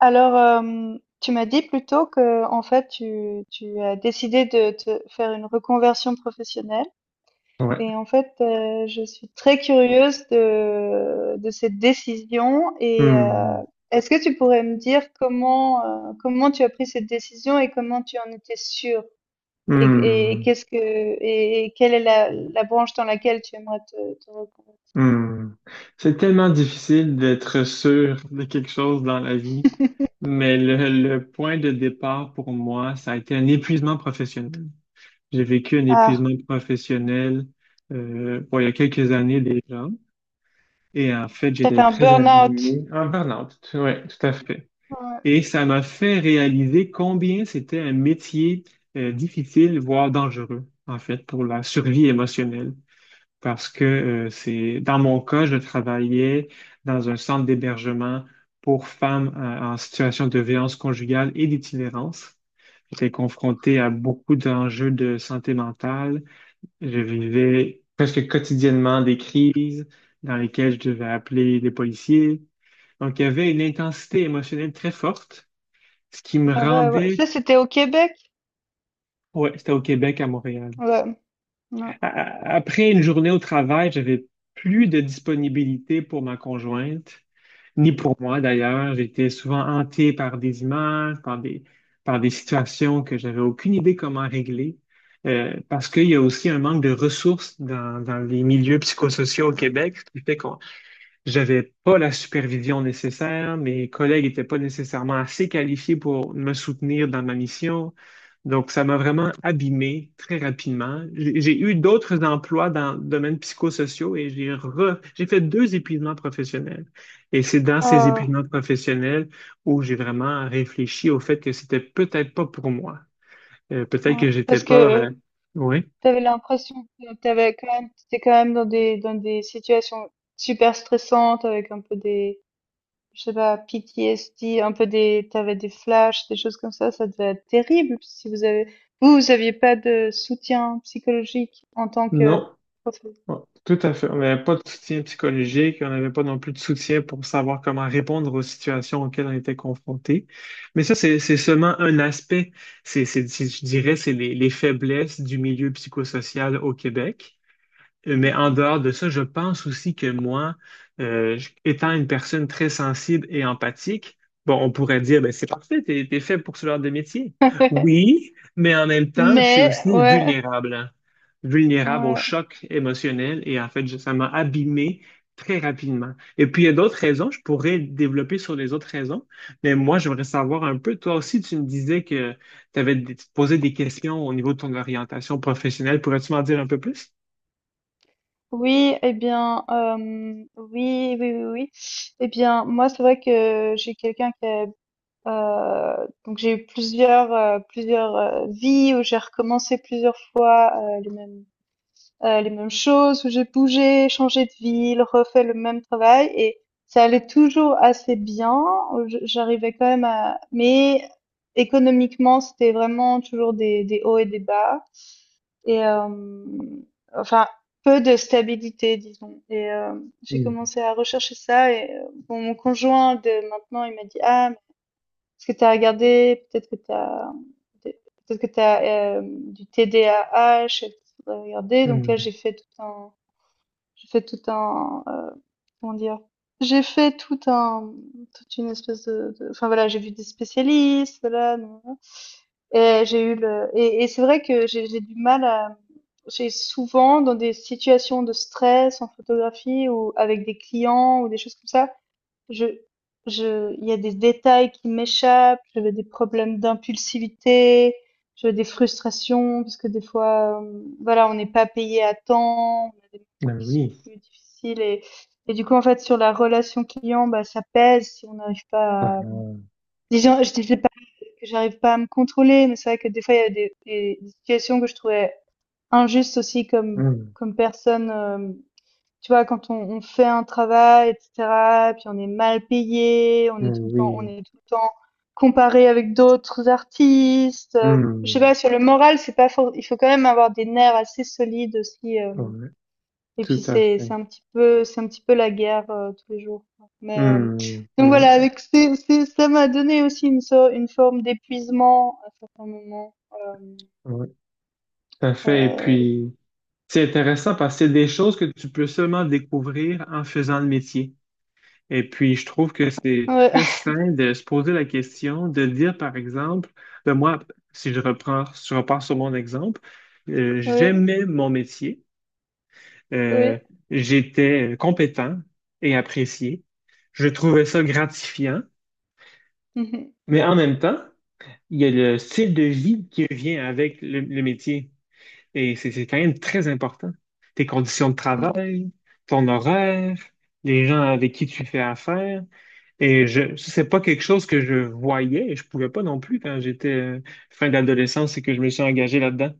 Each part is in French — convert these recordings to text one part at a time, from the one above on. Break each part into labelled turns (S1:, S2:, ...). S1: Alors, tu m'as dit plus tôt que, en fait, tu as décidé de te faire une reconversion professionnelle
S2: Ouais.
S1: et en fait, je suis très curieuse de cette décision et
S2: Hmm.
S1: est-ce que tu pourrais me dire comment tu as pris cette décision et comment tu en étais sûre? Et
S2: Hmm.
S1: qu'est-ce que et quelle est la branche dans laquelle tu aimerais te reconvertir?
S2: Hmm. C'est tellement difficile d'être sûr de quelque chose dans la vie, mais le point de départ pour moi, ça a été un épuisement professionnel. J'ai vécu un
S1: Ah,
S2: épuisement professionnel bon, il y a quelques années déjà, et en fait,
S1: tu as fait
S2: j'étais
S1: un
S2: très
S1: burn-out.
S2: abîmé, en burn-out, ouais, tout à fait.
S1: Ouais,
S2: Et ça m'a fait réaliser combien c'était un métier difficile, voire dangereux, en fait, pour la survie émotionnelle. Parce que c'est dans mon cas, je travaillais dans un centre d'hébergement pour femmes en situation de violence conjugale et d'itinérance. J'étais confronté à beaucoup d'enjeux de santé mentale. Je vivais presque quotidiennement des crises dans lesquelles je devais appeler les policiers. Donc, il y avait une intensité émotionnelle très forte, ce qui me
S1: bah, ouais, ouais.
S2: rendait,
S1: Ça, c'était au Québec?
S2: ouais, c'était au Québec, à Montréal.
S1: Ouais, ouais.
S2: a- Après une journée au travail, j'avais plus de disponibilité pour ma conjointe, ni pour moi d'ailleurs. J'étais souvent hanté par des images, par des situations que j'avais aucune idée comment régler. Parce qu'il y a aussi un manque de ressources dans les milieux psychosociaux au Québec, ce qui fait qu'on, j'avais pas la supervision nécessaire, mes collègues n'étaient pas nécessairement assez qualifiés pour me soutenir dans ma mission. Donc, ça m'a vraiment abîmé très rapidement. J'ai eu d'autres emplois dans le domaine psychosociaux et j'ai fait deux épuisements professionnels. Et c'est dans ces
S1: Oh.
S2: épuisements professionnels où j'ai vraiment réfléchi au fait que c'était peut-être pas pour moi. Peut-être
S1: Ouais,
S2: que j'étais
S1: parce
S2: pas,
S1: que
S2: oui.
S1: tu avais l'impression que tu avais quand même tu étais quand même dans des situations super stressantes avec un peu des, je sais pas, PTSD, un peu des tu avais des flashs, des choses comme ça devait être terrible si vous avez vous aviez pas de soutien psychologique en tant que
S2: Non,
S1: professeur.
S2: ouais, tout à fait. On n'avait pas de soutien psychologique, on n'avait pas non plus de soutien pour savoir comment répondre aux situations auxquelles on était confronté. Mais ça, c'est seulement un aspect. Je dirais, c'est les faiblesses du milieu psychosocial au Québec. Mais en
S1: Mhm.
S2: dehors de ça, je pense aussi que moi, étant une personne très sensible et empathique, bon, on pourrait dire, ben, c'est parfait, t'es fait pour ce genre de métier. Oui, mais en même temps, je suis
S1: Mais
S2: aussi
S1: ouais,
S2: vulnérable, hein. Vulnérable au
S1: ouais.
S2: choc émotionnel et en fait, ça m'a abîmé très rapidement. Et puis, il y a d'autres raisons, je pourrais développer sur les autres raisons, mais moi, j'aimerais savoir un peu, toi aussi, tu me disais que tu avais posé des questions au niveau de ton orientation professionnelle. Pourrais-tu m'en dire un peu plus?
S1: Oui, eh bien, oui, oui, oui, oui. Eh bien, moi, c'est vrai que j'ai quelqu'un qui a Euh, donc j'ai eu plusieurs plusieurs vies où j'ai recommencé plusieurs fois les mêmes choses où j'ai bougé, changé de ville, refait le même travail et ça allait toujours assez bien. J'arrivais quand même à mais économiquement c'était vraiment toujours des hauts et des bas et enfin peu de stabilité disons et j'ai commencé à rechercher ça et bon, mon conjoint de maintenant il m'a dit ah est-ce que tu as regardé, peut-être que tu as, peut-être que tu as du TDAH, et que tu voudrais Donc là,
S2: Hmm.
S1: j'ai fait tout un, comment dire, j'ai fait tout un, toute une espèce de, enfin voilà, j'ai vu des spécialistes, voilà, nan, nan. Et j'ai eu le, et c'est vrai que j'ai du mal à, j'ai souvent dans des situations de stress en photographie ou avec des clients ou des choses comme ça, je, je, il y a des détails qui m'échappent. J'avais des problèmes d'impulsivité. J'avais des frustrations parce que des fois, voilà, on n'est pas payé à temps. On a des moments
S2: Ben
S1: qui sont
S2: oui.
S1: plus difficiles et du coup, en fait, sur la relation client, bah, ça pèse si on n'arrive
S2: Ah,
S1: pas à,
S2: mmh.
S1: disons, je disais pas que j'arrive pas à me contrôler, mais c'est vrai que des fois, il y a des situations que je trouvais injustes aussi comme, comme personne, tu vois, quand on fait un travail, etc., puis on est mal payé, on est tout
S2: Ben
S1: le temps, on
S2: oui.
S1: est tout le temps comparé avec d'autres artistes. Je sais pas,
S2: Hmm.
S1: sur le moral, c'est pas for- il faut quand même avoir des nerfs assez solides aussi.
S2: Ouais,
S1: Et
S2: tout
S1: puis
S2: à
S1: c'est
S2: fait.
S1: c'est un petit peu c'est un petit peu la guerre tous les jours. Quoi. Mais
S2: Hmm.
S1: donc voilà,
S2: Non,
S1: avec c'est ça m'a donné aussi une forme d'épuisement à certains moments.
S2: ouais, tout à fait. Et
S1: Euh,
S2: puis, c'est intéressant parce que c'est des choses que tu peux seulement découvrir en faisant le métier. Et puis, je trouve que c'est
S1: ouais,
S2: très sain de se poser la question, de dire, par exemple, ben moi, si je reprends, si je repars sur mon exemple, j'aimais mon métier. Euh,
S1: ouais,
S2: J'étais compétent et apprécié. Je trouvais ça gratifiant,
S1: oui.
S2: mais en même temps, il y a le style de vie qui vient avec le métier. Et c'est quand même très important. Tes conditions de travail, ton horaire, les gens avec qui tu fais affaire. Et ça, c'est pas quelque chose que je voyais et je pouvais pas non plus quand j'étais fin d'adolescence et que je me suis engagé là-dedans.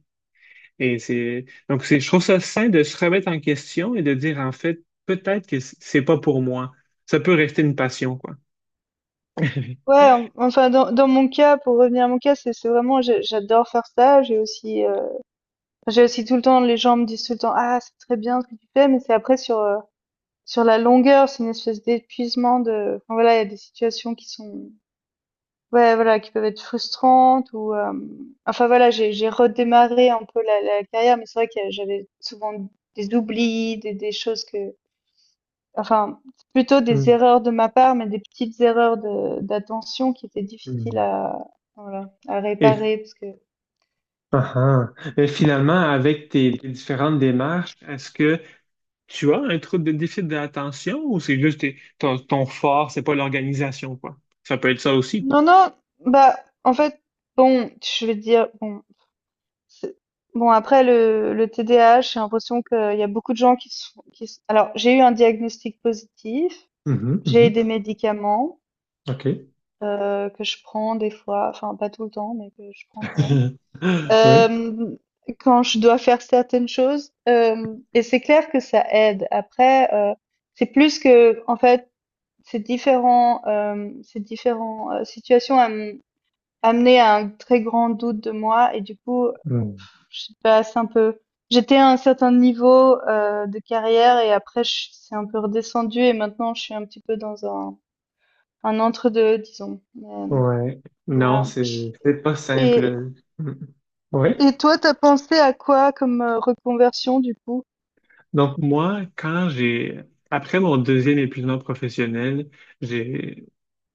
S2: Et c'est donc c'est je trouve ça sain de se remettre en question et de dire en fait peut-être que c'est pas pour moi. Ça peut rester une passion quoi.
S1: Ouais, enfin dans, dans mon cas, pour revenir à mon cas, c'est vraiment j'adore faire ça. J'ai aussi tout le temps les gens me disent tout le temps ah c'est très bien ce que tu fais, mais c'est après sur sur la longueur, c'est une espèce d'épuisement de enfin, voilà il y a des situations qui sont ouais voilà qui peuvent être frustrantes ou enfin voilà j'ai redémarré un peu la, la carrière, mais c'est vrai que j'avais souvent des oublis, des choses que Enfin, c'est plutôt des
S2: Hmm,
S1: erreurs de ma part, mais des petites erreurs de d'attention qui étaient difficiles
S2: hmm.
S1: à voilà, à
S2: Et,
S1: réparer parce que
S2: ah, ah. Mais finalement, avec tes différentes démarches, est-ce que... Tu as un trouble de déficit d'attention ou c'est juste ton fort, c'est pas l'organisation quoi. Ça peut être ça aussi quoi.
S1: non, non, bah, en fait, bon, je vais te dire, bon, c'est- bon, après le TDAH, j'ai l'impression qu'il y a beaucoup de gens qui sont, alors, j'ai eu un diagnostic positif,
S2: Mhm,
S1: j'ai
S2: mhm.
S1: des médicaments
S2: OK.
S1: que je prends des fois, enfin, pas tout le temps, mais que je prends quand même.
S2: Oui.
S1: euh, quand je dois faire certaines choses. Et c'est clair que ça aide. Après, c'est plus que, en fait, ces différents situations amenaient à un très grand doute de moi. Et du coup,
S2: Mm.
S1: je passe un peu. J'étais à un certain niveau de carrière et après, c'est un peu redescendu et maintenant, je suis un petit peu dans un entre-deux, disons.
S2: Ouais. Non,
S1: Voilà.
S2: c'est pas
S1: Et,
S2: simple. Mm. Ouais.
S1: et toi, t'as pensé à quoi comme reconversion, du coup?
S2: Donc moi, quand j'ai après mon deuxième épuisement professionnel, j'ai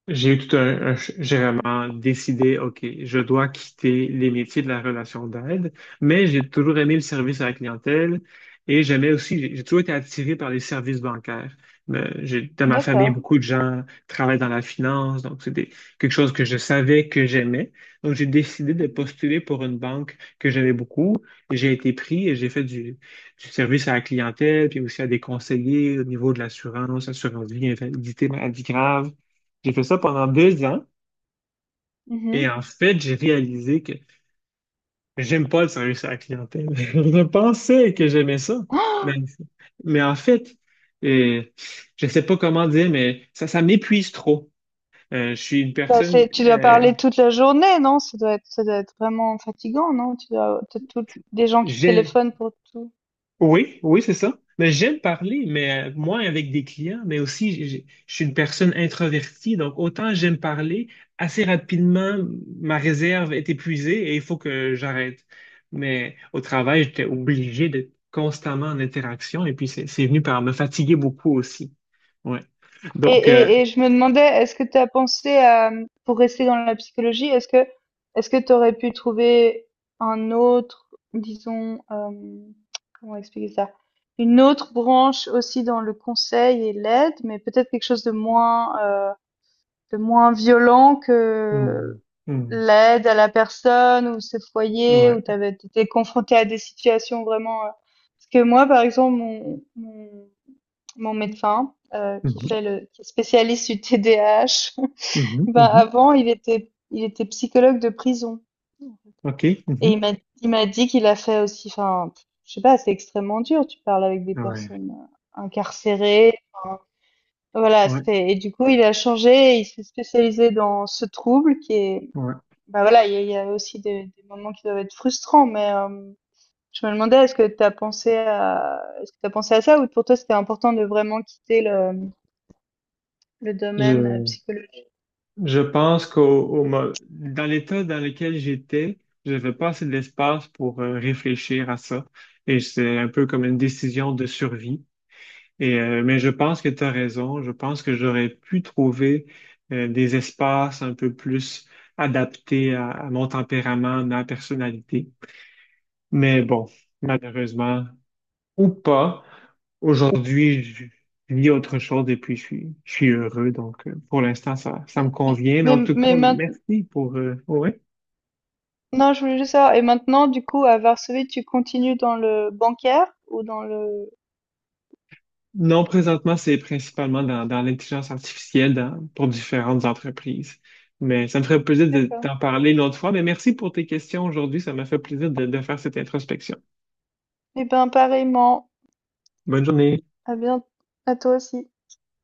S2: j'ai eu tout un, j'ai vraiment décidé, OK, je dois quitter les métiers de la relation d'aide, mais j'ai toujours aimé le service à la clientèle et j'aimais aussi, j'ai toujours été attiré par les services bancaires. Mais j'ai, dans ma famille,
S1: D'accord.
S2: beaucoup de gens travaillent dans la finance, donc c'était quelque chose que je savais que j'aimais. Donc j'ai décidé de
S1: Mhm.
S2: postuler pour une banque que j'aimais beaucoup. Et j'ai été pris et j'ai fait du service à la clientèle, puis aussi à des conseillers au niveau de l'assurance, assurance vie, invalidité, maladie grave. J'ai fait ça pendant deux ans et
S1: Mhm.
S2: en fait, j'ai réalisé que j'aime pas le service à la clientèle. Je pensais que j'aimais ça, mais,
S1: Oh,
S2: mais en fait, euh, je sais pas comment dire, mais ça m'épuise trop. Je suis une
S1: bah,
S2: personne,
S1: c'est, tu dois parler toute la journée, non? Ça doit être vraiment fatigant, non? Tu dois, des gens qui te téléphonent pour tout.
S2: oui, oui, c'est ça. Mais j'aime parler, mais moi avec des clients, mais aussi je suis une personne introvertie, donc autant j'aime parler, assez rapidement ma réserve est épuisée et il faut que j'arrête. Mais au travail, j'étais obligé d'être constamment en interaction et puis c'est venu par me fatiguer beaucoup aussi. Ouais. Donc
S1: Et je me demandais, est-ce que tu as pensé à, pour rester dans la psychologie, est-ce que tu aurais pu trouver un autre, disons, comment expliquer ça? Une autre branche aussi dans le conseil et l'aide, mais peut-être quelque chose de moins violent
S2: hmm,
S1: que
S2: hmm,
S1: l'aide à la personne ou ce foyer où tu
S2: ouais.
S1: avais été confronté à des situations vraiment. Parce que moi, par exemple, mon médecin qui
S2: Mhm,
S1: fait le qui est spécialiste du T D A H
S2: mhm,
S1: ben
S2: mhm.
S1: avant, il était psychologue de prison
S2: OK.
S1: et
S2: Mhm.
S1: il m'a dit qu'il a fait aussi. Enfin, je sais pas, c'est extrêmement dur. Tu parles avec des
S2: Ouais.
S1: personnes incarcérées. Enfin, voilà,
S2: Ouais.
S1: c'était et du coup, il a changé, et il s'est spécialisé dans ce trouble qui est
S2: Ouais.
S1: bah voilà, il y a aussi des moments qui doivent être frustrants, mais je me demandais, est-ce que tu as pensé à est-ce que tu as pensé à ça ou pour toi, c'était important de vraiment quitter le domaine
S2: Je-
S1: psychologique?
S2: Je pense qu'dans l'état dans lequel j'étais, j'avais pas assez d'espace pour réfléchir à ça. Et c'est un peu comme une décision de survie. Mais je pense que tu as raison. Je pense que j'aurais pu trouver des espaces un peu plus adaptés à mon tempérament, ma personnalité. Mais bon, malheureusement, ou pas. Aujourd'hui, je vis autre chose et puis je suis heureux. Donc, pour l'instant, ça me convient. Mais en tout
S1: Mais
S2: cas,
S1: maintenant,
S2: merci pour... ouais.
S1: je voulais juste savoir, et maintenant, du coup, à Varsovie, tu continues dans le bancaire ou dans le...
S2: Non, présentement, c'est principalement dans l'intelligence artificielle pour différentes entreprises. Mais ça me ferait plaisir de
S1: D'accord.
S2: t'en parler une autre fois. Mais merci pour tes questions aujourd'hui. Ça m'a fait plaisir de faire cette introspection.
S1: Eh ben, pareillement,
S2: Bonne journée.
S1: à bien, à toi aussi.